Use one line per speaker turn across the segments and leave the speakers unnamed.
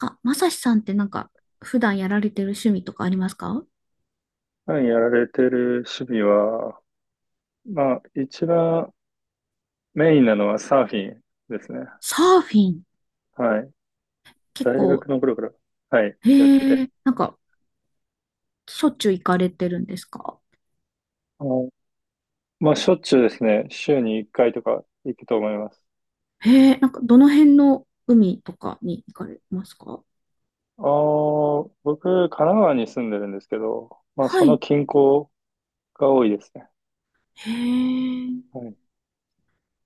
あ、まさしさんって普段やられてる趣味とかありますか？
普段やられてる趣味は、まあ、一番メインなのはサーフィンですね。
サーフィン。
はい。
結
大学
構、
の頃から、はい、
へ
やってて。
え、しょっちゅう行かれてるんですか？
あのまあ、しょっちゅうですね。週に1回とか行くと思います。
へえ、どの辺の海とかに行かれますか？
僕、神奈川に住んでるんですけど、まあ、
は
その
い。
近郊が多いですね。
へえ、
はい。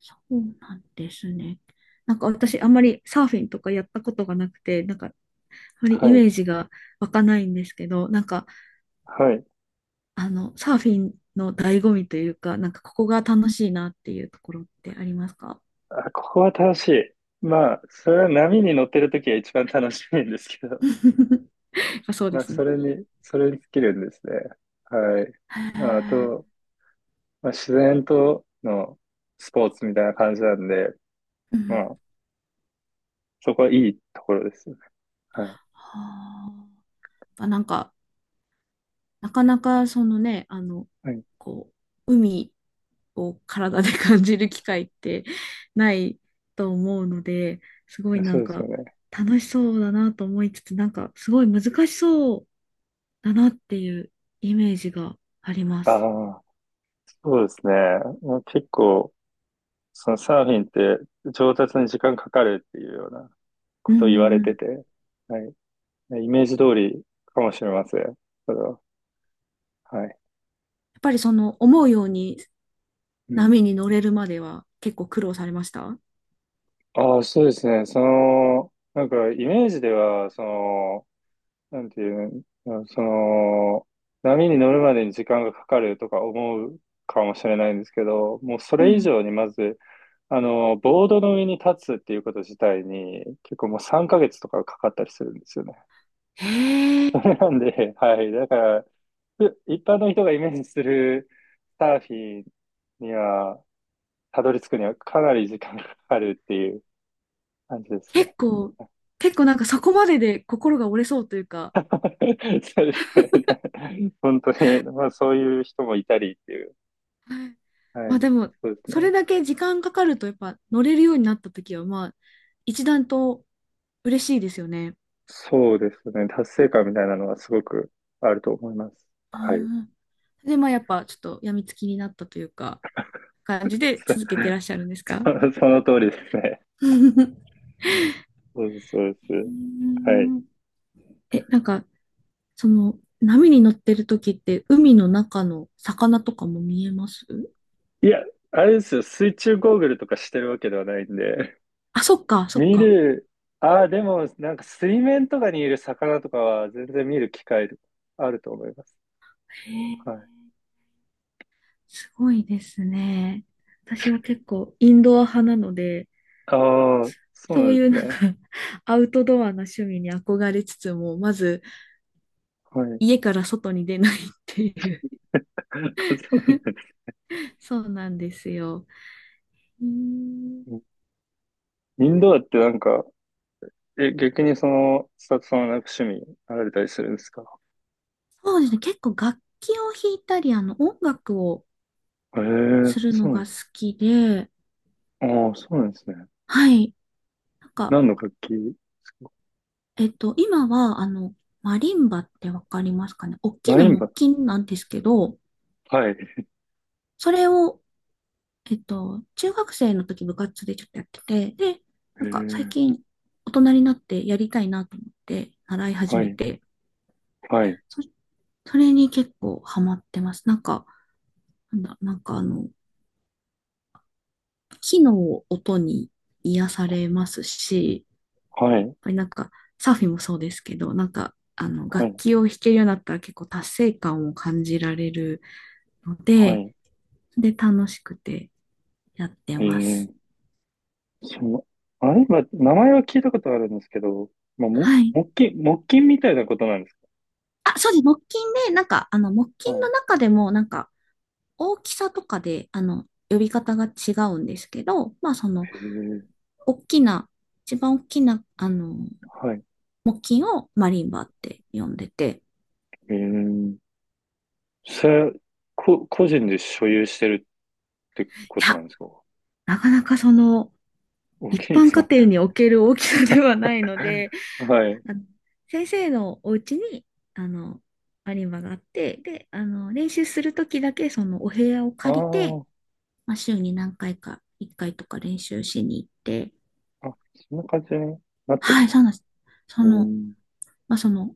そうなんですね。
はい。
私、あんまりサーフィンとかやったことがなくて、あまり
は
イ
い。
メージが湧かないんですけど、
はい。
サーフィンの醍醐味というか、ここが楽しいなっていうところってありますか？
あ、ここは楽しい。まあ、それは波に乗ってる時は一番楽しいんですけど。
やっぱそう
ま
で
あ、
す
そ
ね。
れに、それに尽きるんですね。はい。
へ
まあ、あ
え。
と、まあ、自然とのスポーツみたいな感じなんで、
う
ま
ん。
あ、そこはいいところですよね。はい。
はあ。やっぱなかなか
はい。
こ海を体で 感じる機会ってないと思うので、すごい
まあそうですよね。
楽しそうだなと思いつつ、すごい難しそうだなっていうイメージがあります。
ああ、そうですね。まあ、結構、そのサーフィンって上達に時間かかるっていうような
う
こ
んう
とを言わ
ん
れ
うん。
て
や
て、はい。イメージ通りかもしれません。それは。はい。
っぱり思うように
うん。
波に乗れるまでは結構苦労されました？
ああ、そうですね。その、なんか、イメージでは、その、なんていうの、その、波に乗るまでに時間がかかるとか思うかもしれないんですけど、もうそ
う
れ以
ん。
上にまず、ボードの上に立つっていうこと自体に、結構もう3ヶ月とかかかったりするんですよね。
へ
そ
え。
れなんで、はい。だから、一般の人がイメージするサーフィンには、たどり着くにはかなり時間がかかるっていう感じです
結
ね。
構、結構そこまでで心が折れそうというか、
そうですね。本当に、まあそういう人もいたりっていう。
はい。
はい。
でも、
そうです
そ
ね。
れだけ時間かかるとやっぱ乗れるようになった時は、一段と嬉しいですよね。
そうですね。達成感みたいなのはすごくあると思います。
あ
はい。
ー、で、やっぱちょっと病みつきになったというか、感じで
そ、
続けてらっしゃるんですか？
その通りですね。
うー
そうです、そうです。はい。
ん え、波に乗ってる時って海の中の魚とかも見えます？
いや、あれですよ。水中ゴーグルとかしてるわけではないんで。
あ、そっか、そっ
見
か。
る、ああ、でも、なんか水面とかにいる魚とかは全然見る機会あると思います。
へえ、
はい。
すごいですね。私は結構インドア派なので、
ああ、そうな
そう
んで
いう
すね。
アウトドアな趣味に憧れつつも、まず
はい。
家から外に出ないっていう。
あ、そうなんです
そうなんですよ。うーん、
ね。インドアってなんか、え、逆にその、スタッフさんはなんか趣味あられたりするんですか？
そうですね。結構楽器を弾いたり、音楽を
ええー、
する
そ
の
うな
が
んで
好
す。
きで、
ああ、そうなんですね。
はい。なんか、
何の楽器ですか？
今はマリンバってわかりますかね？大き
マ
な
リン
木
バ。
琴なんですけど、
はい。え
それを中学生の時部活でちょっとやってて、で、
え
最
ー、
近大人になってやりたいなと思って習い始
は
め
い、
て、
はい、
そ、それに結構ハマってます。なんか、なんだ、なんかあの、木の音に癒されますし、やっ
はい、
ぱりサーフィンもそうですけど、
は
楽
い、
器を弾けるようになったら結構達成感を感じられるの
は
で、
い。
で、楽しくてやって
ええ
ます。
ー、その、マリンバ、名前は聞いたことあるんですけど、まあ、
はい。
木琴、木琴みたいなことなんです
あ、そうです。木琴で、木
か？
琴
は
の
い。
中でも、大きさとかで、呼び方が違うんですけど、
ええー、
大きな、一番大きな、
はい。
木琴をマリンバって呼んでて、
ええー、それは、個人で所有してるってこ
い
とな
や、
んですか？
なかなか
大
一
きいで
般
す
家
よ
庭
ね。
における大きさではないので、
はい。
あの先生のお家に、あの、マリンバがあって、で、練習するときだけ、お部屋を
あ
借りて、
あ、
週に何回か、1回とか練習しに行って、
あ、そんな感じになってる
は
ん
い、
です
そう
け
なんです。そ
ど。うー
の、
ん、
まあ、その、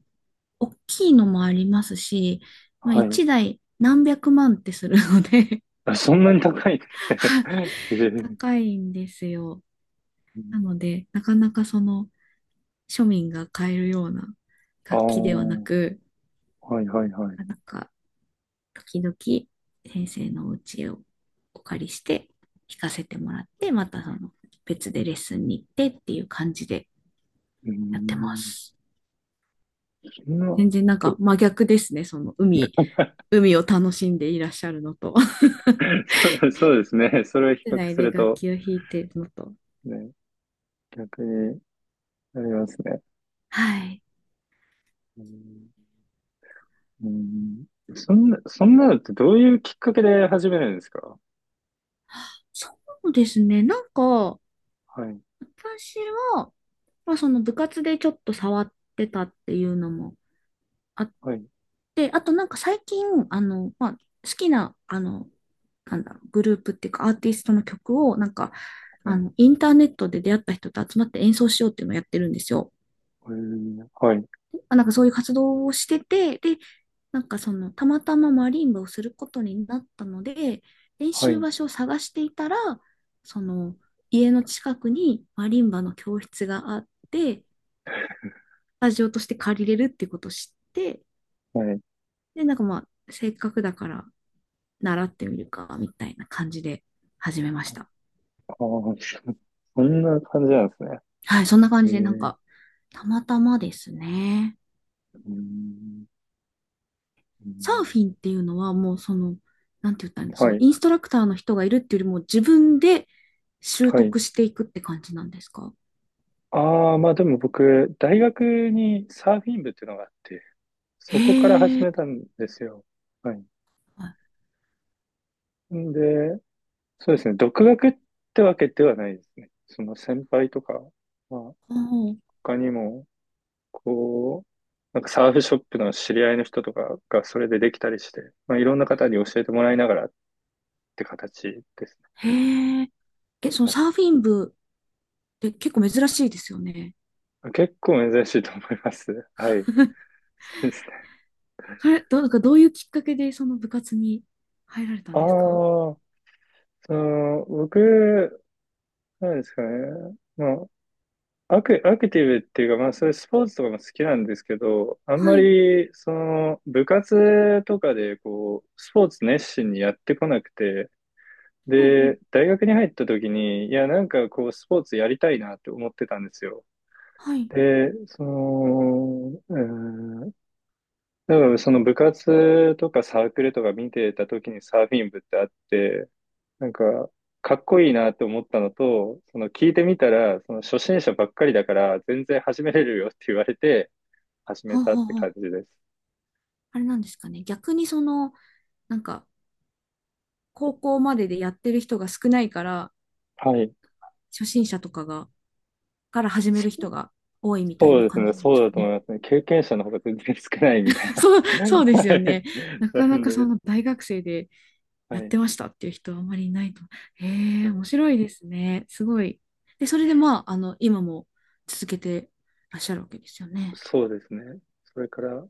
大きいのもありますし、
はい。
1台何百万ってするので
あ、そんなに高いっ て。
はい。
えー、
高いんですよ。
う
な
ん、
ので、なかなか庶民が買えるような
あ
楽器ではな
あ、
く、
はいはいはい。
なんか、時々、先生のお家をお借りして、弾かせてもらって、また別でレッスンに行ってっていう感じで
うー
やってま
ん、
す。
そんな、ど
全然真逆ですね、海を楽しんでいらっしゃるのと、
そうそうですね。それを比
室
較
内
す
で
る
楽
と、
器を弾いているのと。
ね、逆になりますね。
はい。
うん、うん。そんなのってどういうきっかけで始めるんですか？
そうですね。
はい、
私は、その部活でちょっと触ってたっていうのもあっ
はい、
て、あと最近、好きな、グループっていうかアーティストの曲を、
はい、
インターネットで出会った人と集まって演奏しようっていうのをやってるんですよ。
はい、
あ、そういう活動をしてて、で、たまたまマリンバをすることになったので、練
は
習
い、
場所を探していたら、その、家の近くにマリンバの教室があって、スタジオとして借りれるってことを知って、
はい。
で、せっかくだから習ってみるか、みたいな感じで始めました。
ああ、そんな感じなんですね。
はい、そんな感じで、
え
たまたまですね。
うーんうー
サーフ
ん
ィンっていうのはもうなんて言ったらいいんだ、そ
は
の
い、
インストラクターの人がいるっていうよりも自分で習
はい。
得していくって感じなんですか？
ああ、まあでも僕、大学にサーフィン部っていうのがあって、そこから始
へえ、
めたんですよ。はい。
はい。
んで、そうですね、独学ってわけではないですね。その先輩とか、まあ
おー、
他にも、こう、なんかサーフショップの知り合いの人とかがそれでできたりして、まあいろんな方に教えてもらいながらって形ですね。
へえ。え、その
はい。
サーフィン部って結構珍しいですよね。
結構珍しいと思います。はい。そうですね。
それ、どう、なんかどういうきっかけでその部活に入られた
あ
ん
あ、
ですか？
その、僕、なんですかね。まあ、アクティブっていうか、まあ、そういうスポーツとかも好きなんですけど、あん
は
ま
い。
り、その、部活とかで、こう、スポーツ熱心にやってこなくて、
ほうほう。
で、大学に入った時に、いや、なんかこう、スポーツやりたいなって思ってたんですよ。
はい。
で、その、多分その部活とかサークルとか見てた時にサーフィン部ってあって、なんか、かっこいいなって思ったのと、その聞いてみたら、その初心者ばっかりだから全然始めれるよって言われて始め
ほう
たっ
ほう
て
ほ
感
う。
じです。
あれなんですかね。逆になんか、高校まででやってる人が少ないから、
はい。
初心者とかがから始める人が多いみたい
そう
な
です
感
ね。
じなんで
そう
すか
だと思い
ね。
ますね。経験者の方が全然少ないみたい
そう、
な。は
そ
い。
うですよね。なか
な
な
ん
かそ
で、
の大学生で
は
やっ
い。
てましたっていう人はあまりいないと。へえ、
はい、
面白いですね。すごい。で、それで今も続けてらっしゃるわけですよね。
そうですね。それから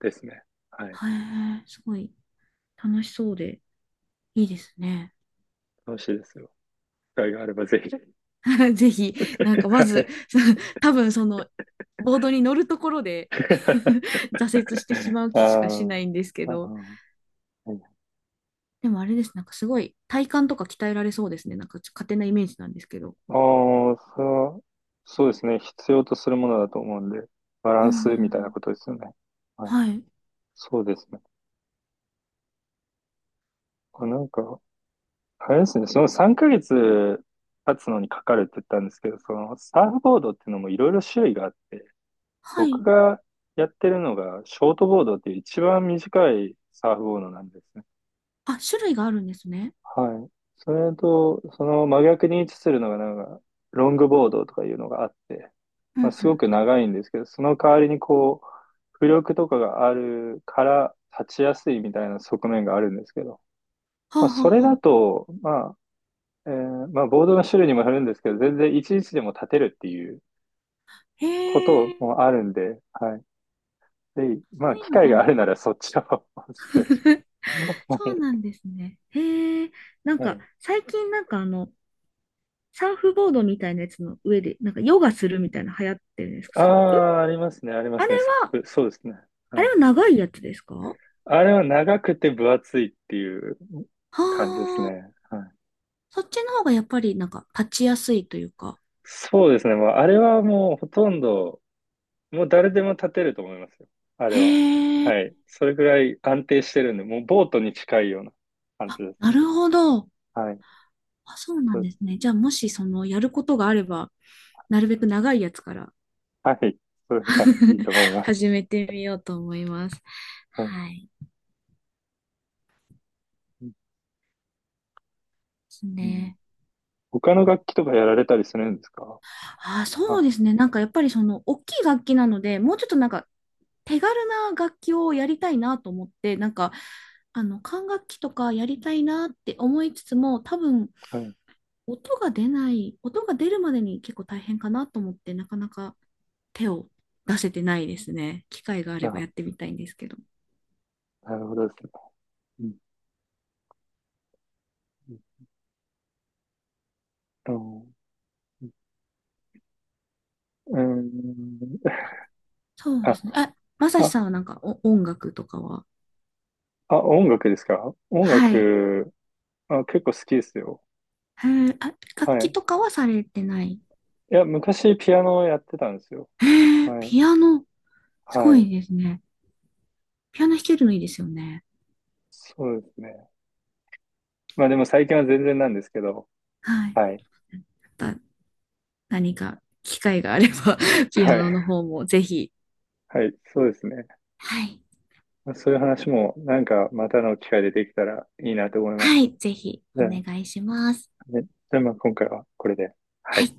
ですね。はい。
へえ、すごい楽しそうでいいですね。
楽しいですよ。機会があればぜひ。
ぜひ、
は
まず、
い。
多分ボードに乗るところで 挫折してし まう
あ
気しかし
ー
ないんですけ
あー、
ど、
はい。
でもあれです。すごい体幹とか鍛えられそうですね。勝手なイメージなんですけど。
あー、そう、そうですね。必要とするものだと思うんで、バラ
うん
ン
う
ス
ん
み
う
たいな
ん。
ことですよね。はい。
はい。
そうですね。あ、なんか、あれですね。その3ヶ月経つのにかかるって言ったんですけど、そのサーフボードっていうのもいろいろ種類があって、
は
僕
い。
がやってるのがショートボードっていう一番短いサーフボードなんですね。
あ、種類があるんですね。
はい。それと、その真逆に位置するのが、なんか、ロングボードとかいうのがあって、
うんう
まあ、すご
ん。
く長いんですけど、その代わりにこう、浮力とかがあるから立ちやすいみたいな側面があるんですけど、
はあ
まあ、
は
それ
あは
だ
あ。
と、まあ、まあ、ボードの種類にもよるんですけど、全然いちいちでも立てるっていう
へ
こと
え。
もあるんで、はい。で、ま
そ
あ、
うい
機
うの
会
があ
が
る。
あるならそっちを お勧めし ます。は
そうな
い。
んですね。へえ。
はい。
最近サーフボードみたいなやつの上で、ヨガするみたいな流行ってるんですか？
あ
サップ？
あ、ありますね、ありま
あれ
すね、サッ
は、
プ。そうですね。
あ
は
れ
い。
は長いやつですか？は
あれは長くて分厚いっていう感じです
あ。
ね。はい。
そっちの方がやっぱり立ちやすいというか。
そうですね。もうあれはもうほとんど、もう誰でも立てると思いますよ。あれは。
へえ。
はい。それぐらい安定してるんで、もうボートに近いような感じ
あ、
です
な
ね。
るほど。
はい。
あ、そうな
そ
ん
うで
です
す。
ね。じゃあ、もしやることがあれば、なるべく長いやつから
はい。それがいいと思い ます。
始めてみようと思います。
はい。
はい。で
う
す
ん。
ね。
他の楽器とかやられたりするんですか？
あ、そう
あ、
ですね。やっぱり大きい楽器なので、もうちょっと手軽な楽器をやりたいなと思って、管楽器とかやりたいなって思いつつも、多分、
はい。
音が出ない、音が出るまでに結構大変かなと思って、なかなか手を出せてないですね。機会があれば
あ、
やってみたいんですけど。
なるほどですね。うん、うんと、うん、
そうで
あ、
すね。あ、まさし
あ
さんはお音楽とかは？
あ、音楽ですか？音
はい。
楽、あ、結構好きですよ。
へえ、あ、
は
楽器
い。
とかはされてない？
いや、昔ピアノをやってたんですよ。
へえ、
はい。
ピアノ、すご
はい。
いですね。ピアノ弾けるのいいですよね。
そうですね。まあでも最近は全然なんですけど。
はい。
はい。
また何か機会があれば ピア
はい。
ノの方もぜひ。
はい。そうですね。
はい。
まあそういう話もなんかまたの機会でできたらいいなと思います。
はい、ぜひ
じ
お
ゃあ、
願いします。
ね、じゃあまあ今回はこれで。は
は
い。
い。